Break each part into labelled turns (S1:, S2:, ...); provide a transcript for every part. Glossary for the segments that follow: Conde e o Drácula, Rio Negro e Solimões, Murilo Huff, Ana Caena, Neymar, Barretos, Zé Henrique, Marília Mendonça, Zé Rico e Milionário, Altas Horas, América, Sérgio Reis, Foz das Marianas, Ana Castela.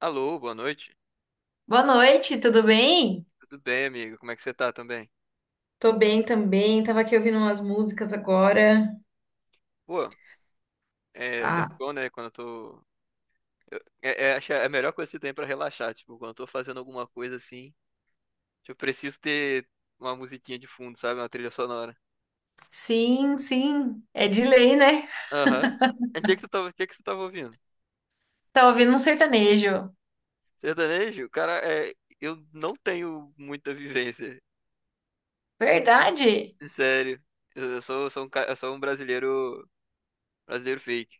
S1: Alô, boa noite.
S2: Boa noite, tudo bem?
S1: Tudo bem, amigo? Como é que você tá também?
S2: Tô bem também, tava aqui ouvindo umas músicas agora.
S1: Pô, é sempre
S2: Ah,
S1: bom, né? Quando eu tô. Acho que é a melhor coisa que tem pra relaxar. Tipo, quando eu tô fazendo alguma coisa assim, tipo, eu preciso ter uma musiquinha de fundo, sabe? Uma trilha sonora.
S2: sim, sim, é de lei, né?
S1: Aham. E o que que tu tava, o que que tu tava ouvindo?
S2: Tava ouvindo um sertanejo.
S1: Sertanejo? Cara, é, eu não tenho muita vivência.
S2: Verdade?
S1: Sério. Eu sou, sou um, eu sou um brasileiro, brasileiro fake.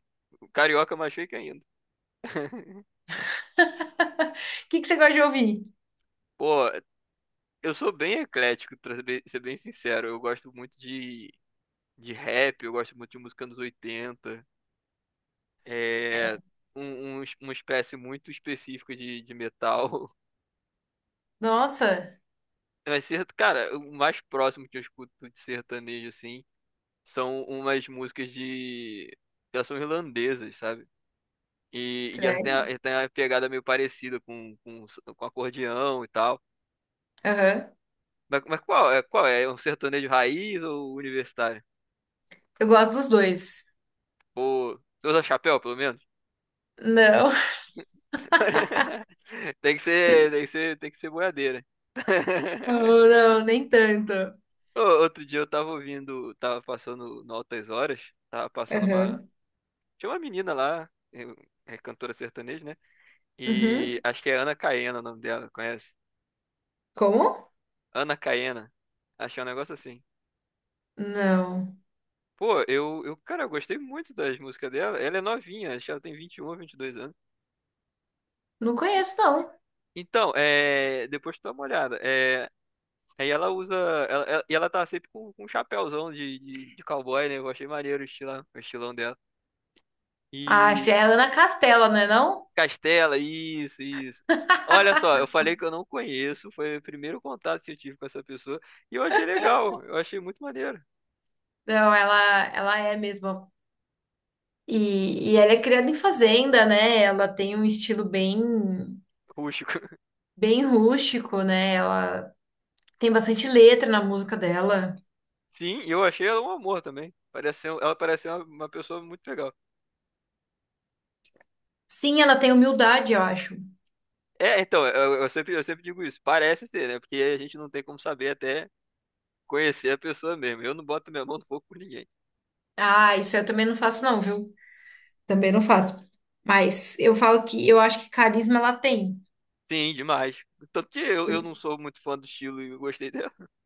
S1: Carioca mais fake ainda.
S2: O que que você gosta de ouvir?
S1: Pô, eu sou bem eclético, pra ser bem sincero. Eu gosto muito de rap, eu gosto muito de música dos 80, é um, uma espécie muito específica de metal.
S2: Nossa,
S1: Mas, cara, o mais próximo que eu escuto de sertanejo, assim, são umas músicas de... Elas são irlandesas, sabe? E
S2: sério?
S1: elas têm a pegada meio parecida com acordeão e tal.
S2: Aham.
S1: Mas qual é? Qual é? É um sertanejo raiz ou universitário?
S2: Eu gosto dos dois.
S1: Ou... Você usa chapéu, pelo menos?
S2: Não,
S1: Tem que ser, tem que ser, tem que ser boiadeira.
S2: não, não, nem tanto.
S1: Ô, outro dia eu tava ouvindo, tava passando no Altas Horas, tava passando uma.
S2: Aham.
S1: Tinha uma menina lá, é cantora sertaneja, né? E
S2: Uhum.
S1: acho que é Ana Caena o nome dela, conhece?
S2: Como?
S1: Ana Caena. Achei um negócio assim.
S2: Não,
S1: Pô, eu, cara, eu gostei muito das músicas dela. Ela é novinha, acho que ela tem 21, 22 anos.
S2: não
S1: E-
S2: conheço, não.
S1: então, é, depois tu dá uma olhada. É, aí ela usa. Ela, e ela tá sempre com um chapéuzão de cowboy, né? Eu achei maneiro o estilão dela.
S2: Ah, acho que
S1: E.
S2: é a Ana Castela, não é não?
S1: Castela, isso, isso. Olha só, eu falei que eu não conheço, foi o primeiro contato que eu tive com essa pessoa. E eu achei legal, eu achei muito maneiro.
S2: Não, ela é mesmo. E ela é criada em fazenda, né? Ela tem um estilo bem,
S1: Rústico.
S2: bem rústico, né? Ela tem bastante letra na música dela.
S1: Sim, e eu achei ela um amor também. Parece ser, um, ela parece ser uma pessoa muito legal.
S2: Sim, ela tem humildade, eu acho.
S1: É, então, eu sempre digo isso. Parece ser, né? Porque a gente não tem como saber até conhecer a pessoa mesmo. Eu não boto minha mão no fogo por ninguém.
S2: Ah, isso eu também não faço, não, viu? Também não faço. Mas eu falo que eu acho que carisma ela tem.
S1: Sim, demais. Tanto que eu não sou muito fã do estilo e eu gostei dela.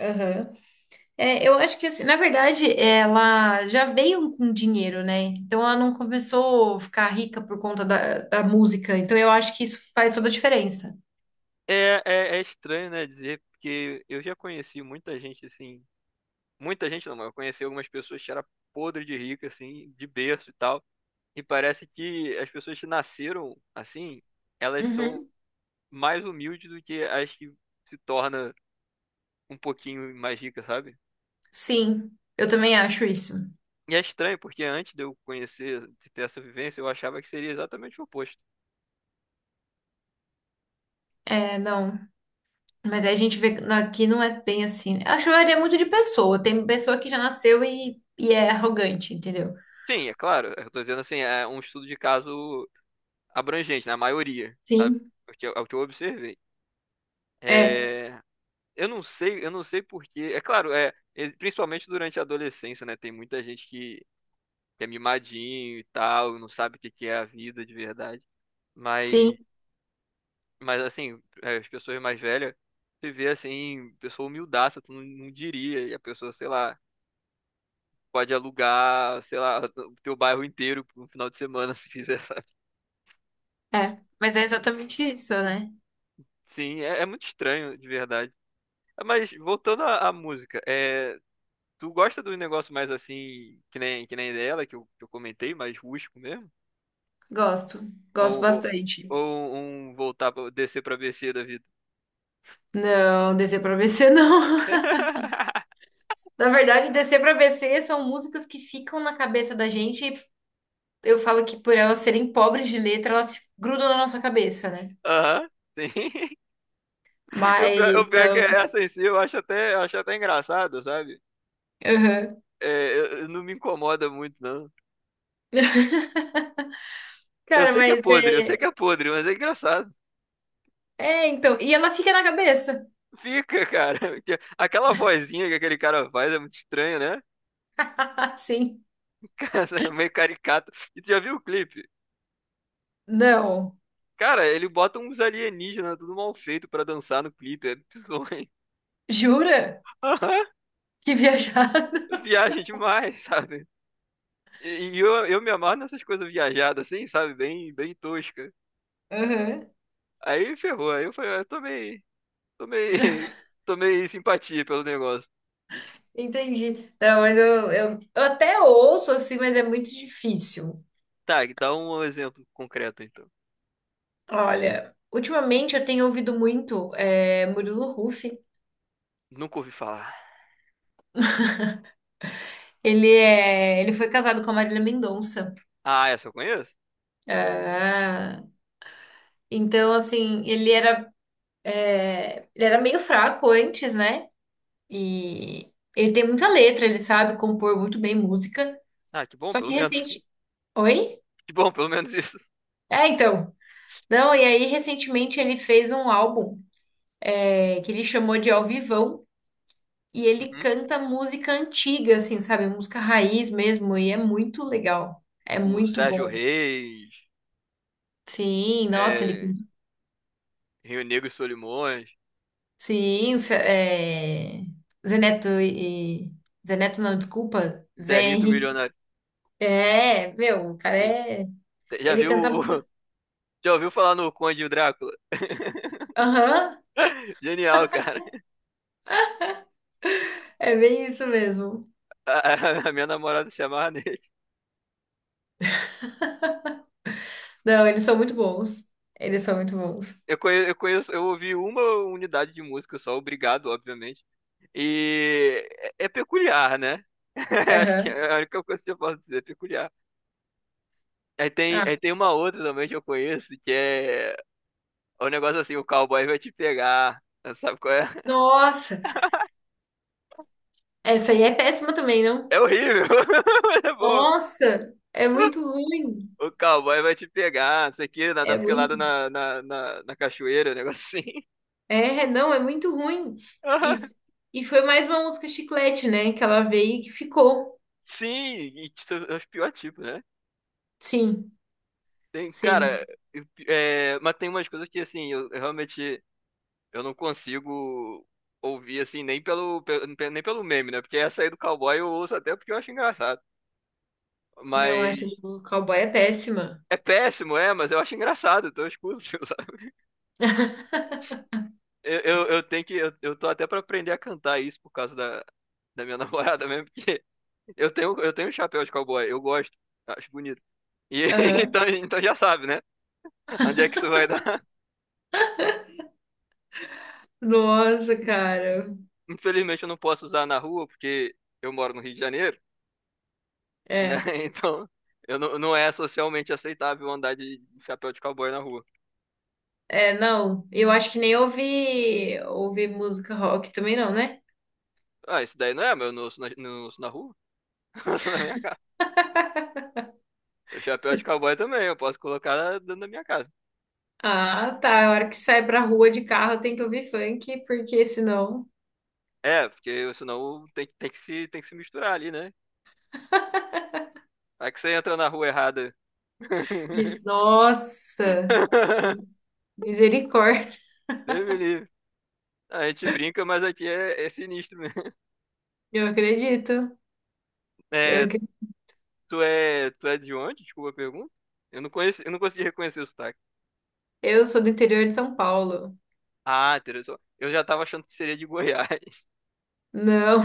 S2: Aham. É, eu acho que assim, na verdade, ela já veio com dinheiro, né? Então ela não começou a ficar rica por conta da música. Então eu acho que isso faz toda a diferença.
S1: É, é, é estranho, né, dizer, porque eu já conheci muita gente, assim. Muita gente não, mas eu conheci algumas pessoas que era podre de rica, assim, de berço e tal. E parece que as pessoas que nasceram assim, elas são
S2: Uhum.
S1: mais humildes do que as que se torna um pouquinho mais ricas, sabe?
S2: Sim, eu também acho isso.
S1: E é estranho, porque antes de eu conhecer, de ter essa vivência, eu achava que seria exatamente o oposto.
S2: É, não. Mas aí a gente vê que aqui não é bem assim. Eu acho que varia muito de pessoa. Tem pessoa que já nasceu e é arrogante, entendeu?
S1: Sim, é claro, eu tô dizendo assim, é um estudo de caso abrangente, na maioria, sabe?
S2: Sim.
S1: É o que eu, é o que eu observei.
S2: É,
S1: É, eu não sei porquê. É claro, é, principalmente durante a adolescência, né? Tem muita gente que é mimadinho e tal, não sabe o que que é a vida de verdade.
S2: sim,
S1: Mas, mas assim, é, as pessoas mais velhas, você vê assim, pessoa humildaça, tu não, não diria. E a pessoa, sei lá, pode alugar, sei lá, o teu bairro inteiro por um final de semana, se quiser, sabe?
S2: é. Mas é exatamente isso, né?
S1: Sim, é, é muito estranho, de verdade. Mas voltando à, à música, é, tu gosta do negócio mais assim, que nem dela, que eu comentei, mais rústico mesmo?
S2: Gosto. Gosto
S1: Ou, ou,
S2: bastante.
S1: ou um voltar pra descer pra BC da vida?
S2: Não, descer pra BC não. Na verdade, descer pra BC são músicas que ficam na cabeça da gente. E eu falo que por elas serem pobres de letra, elas se grudam na nossa cabeça, né?
S1: Aham, sim. E o pior, o
S2: Mas,
S1: pior é que
S2: não.
S1: essa em si eu acho até engraçado, sabe?
S2: Aham.
S1: É, não me incomoda muito, não. Eu
S2: Cara,
S1: sei que é
S2: mas
S1: podre, eu sei que é podre, mas é engraçado.
S2: é, então, e ela fica na cabeça.
S1: Fica, cara. Porque aquela vozinha que aquele cara faz é muito estranha, né?
S2: Sim.
S1: Meio caricato. E tu já viu o clipe?
S2: Não.
S1: Cara, ele bota uns alienígenas tudo mal feito pra dançar no clipe. É bizonho.
S2: Jura? Que viajada.
S1: Viagem demais, sabe? E, e eu me amarro nessas coisas viajadas, assim, sabe? Bem, bem tosca.
S2: Aham.
S1: Aí ferrou. Aí eu falei, ah, tomei, tomei, tomei simpatia pelo negócio.
S2: Entendi. Não, mas eu até ouço assim, mas é muito difícil.
S1: Tá, dá um exemplo concreto, então.
S2: Olha, ultimamente eu tenho ouvido muito é, Murilo Huff.
S1: Nunca ouvi falar.
S2: Ele foi casado com a Marília Mendonça.
S1: Ah, essa eu conheço?
S2: Então, assim, ele era, é, ele era meio fraco antes, né? E ele tem muita letra, ele sabe compor muito bem música.
S1: Ah, que bom,
S2: Só
S1: pelo
S2: que
S1: menos.
S2: recente. Oi?
S1: Que bom, pelo menos isso.
S2: É, então. Não, e aí recentemente ele fez um álbum é, que ele chamou de Ao Vivão e ele
S1: Uhum.
S2: canta música antiga, assim, sabe? Música raiz mesmo, e é muito legal. É
S1: Tipo,
S2: muito
S1: Sérgio
S2: bom.
S1: Reis,
S2: Sim, nossa, ele
S1: é,
S2: canta.
S1: Rio Negro e Solimões,
S2: Sim, Zé- é... Zeneto e. Zeneto não, desculpa. Zé
S1: Zé Rico e
S2: Henrique.
S1: Milionário.
S2: É, meu, o cara
S1: Sim.
S2: é.
S1: Já
S2: Ele
S1: viu,
S2: canta muito.
S1: já ouviu falar no Conde e o Drácula?
S2: Aham,
S1: Genial, cara.
S2: é bem isso mesmo.
S1: A, a minha namorada se amarra nele.
S2: Não, eles são muito bons. Eles são muito bons.
S1: Eu conheço, eu conheço, eu ouvi uma unidade de música só, obrigado, obviamente. E é, é peculiar, né? Acho que
S2: Aham.
S1: é a única coisa que eu posso dizer, é peculiar.
S2: Ah,
S1: Aí tem uma outra também que eu conheço, que é o negócio assim, o cowboy vai te pegar. Sabe qual é?
S2: nossa! Essa aí é péssima também, não?
S1: É horrível, mas é bom.
S2: Nossa, é muito ruim.
S1: O cowboy vai te pegar, não sei o quê, nadar
S2: É
S1: pelado
S2: muito.
S1: na, na, na, na cachoeira, um negócio assim.
S2: É, não, é muito ruim. E,
S1: Aham.
S2: e foi mais uma música chiclete, né? Que ela veio e que ficou.
S1: Sim, e é os piores tipos, né?
S2: Sim,
S1: Tem,
S2: sim.
S1: cara, é, mas tem umas coisas que, assim, eu realmente eu não consigo ouvir, assim, nem pelo, nem pelo meme, né? Porque essa aí do cowboy eu ouço até porque eu acho engraçado.
S2: Eu acho que
S1: Mas
S2: o cowboy é péssima.
S1: é péssimo, é, mas eu acho engraçado, então eu escuto, sabe? Eu tenho que, eu tô até pra aprender a cantar isso por causa da, da minha namorada mesmo, porque eu tenho, eu tenho um chapéu de cowboy, eu gosto, acho bonito. E
S2: Aham.
S1: então, então já sabe, né? Onde é que isso vai dar?
S2: Nossa, cara.
S1: Infelizmente eu não posso usar na rua porque eu moro no Rio de Janeiro, né?
S2: É.
S1: Então eu não, não é socialmente aceitável andar de chapéu de cowboy na rua.
S2: É, não. Eu acho que nem ouvi, ouvi música rock também não, né?
S1: Ah, isso daí não é, mas eu não uso na, não uso na rua, eu uso na minha casa. O chapéu de cowboy também, eu posso colocar dentro da minha casa.
S2: Ah, tá. A hora que sai pra rua de carro tem que ouvir funk, porque senão.
S1: É, porque senão tem que se misturar ali, né? Aí que você entra na rua errada.
S2: Nossa. Sim. Misericórdia,
S1: Deus me livre. A gente brinca, mas aqui é, é sinistro mesmo.
S2: eu acredito. Eu,
S1: É,
S2: acre-
S1: tu é, tu é de onde? Desculpa a pergunta. Eu não conheci, eu não consegui reconhecer o sotaque.
S2: eu sou do interior de São Paulo.
S1: Ah, interessante. Eu já tava achando que seria de Goiás.
S2: Não,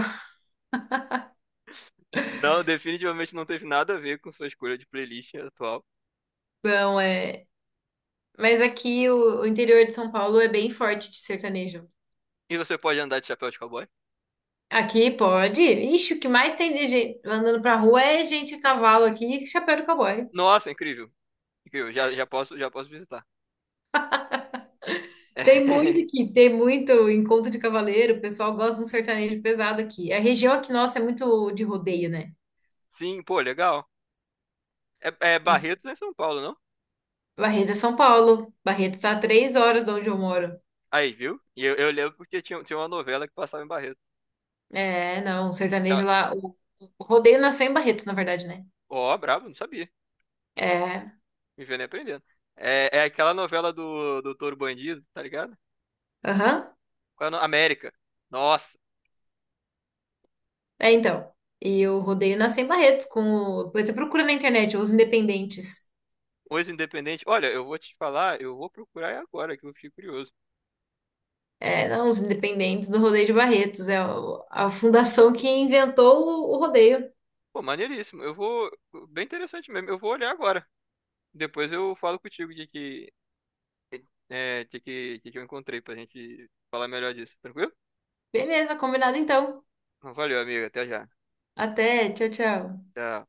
S1: Não, definitivamente não teve nada a ver com sua escolha de playlist atual.
S2: não é. Mas aqui o interior de São Paulo é bem forte de sertanejo.
S1: E você pode andar de chapéu de cowboy?
S2: Aqui pode. Ixi, o que mais tem de gente andando pra rua é gente a cavalo aqui, chapéu de cowboy.
S1: Nossa, incrível. Incrível. Já, já posso visitar.
S2: Tem muito
S1: É,
S2: aqui, tem muito encontro de cavaleiro. O pessoal gosta de um sertanejo pesado aqui. A região aqui, nossa, é muito de rodeio, né?
S1: sim, pô, legal. É, é Barretos em São Paulo, não?
S2: Barreto é São Paulo. Barreto está a 3 horas de onde eu moro.
S1: Aí, viu? E eu lembro porque tinha, tinha uma novela que passava em Barretos.
S2: É, não, o
S1: Ca-
S2: sertanejo lá. O rodeio nasceu em Barretos, na verdade, né?
S1: Ó, bravo, não sabia.
S2: É.
S1: Vivendo e aprendendo. É, é aquela novela do Doutor Bandido, tá ligado?
S2: Aham.
S1: Qual é o nome? América. Nossa,
S2: É, então. E o rodeio nasceu em Barretos, com o, depois você procura na internet, os independentes.
S1: hoje Independente. Olha, eu vou te falar, eu vou procurar agora, que eu fiquei curioso.
S2: É, não, os independentes do rodeio de Barretos. É o- a fundação que inventou o rodeio.
S1: Pô, maneiríssimo. Eu vou. Bem interessante mesmo. Eu vou olhar agora. Depois eu falo contigo de que. É, de que eu encontrei pra gente falar melhor disso, tranquilo?
S2: Beleza, combinado então.
S1: Então, valeu, amiga. Até já.
S2: Até, tchau, tchau.
S1: Tchau.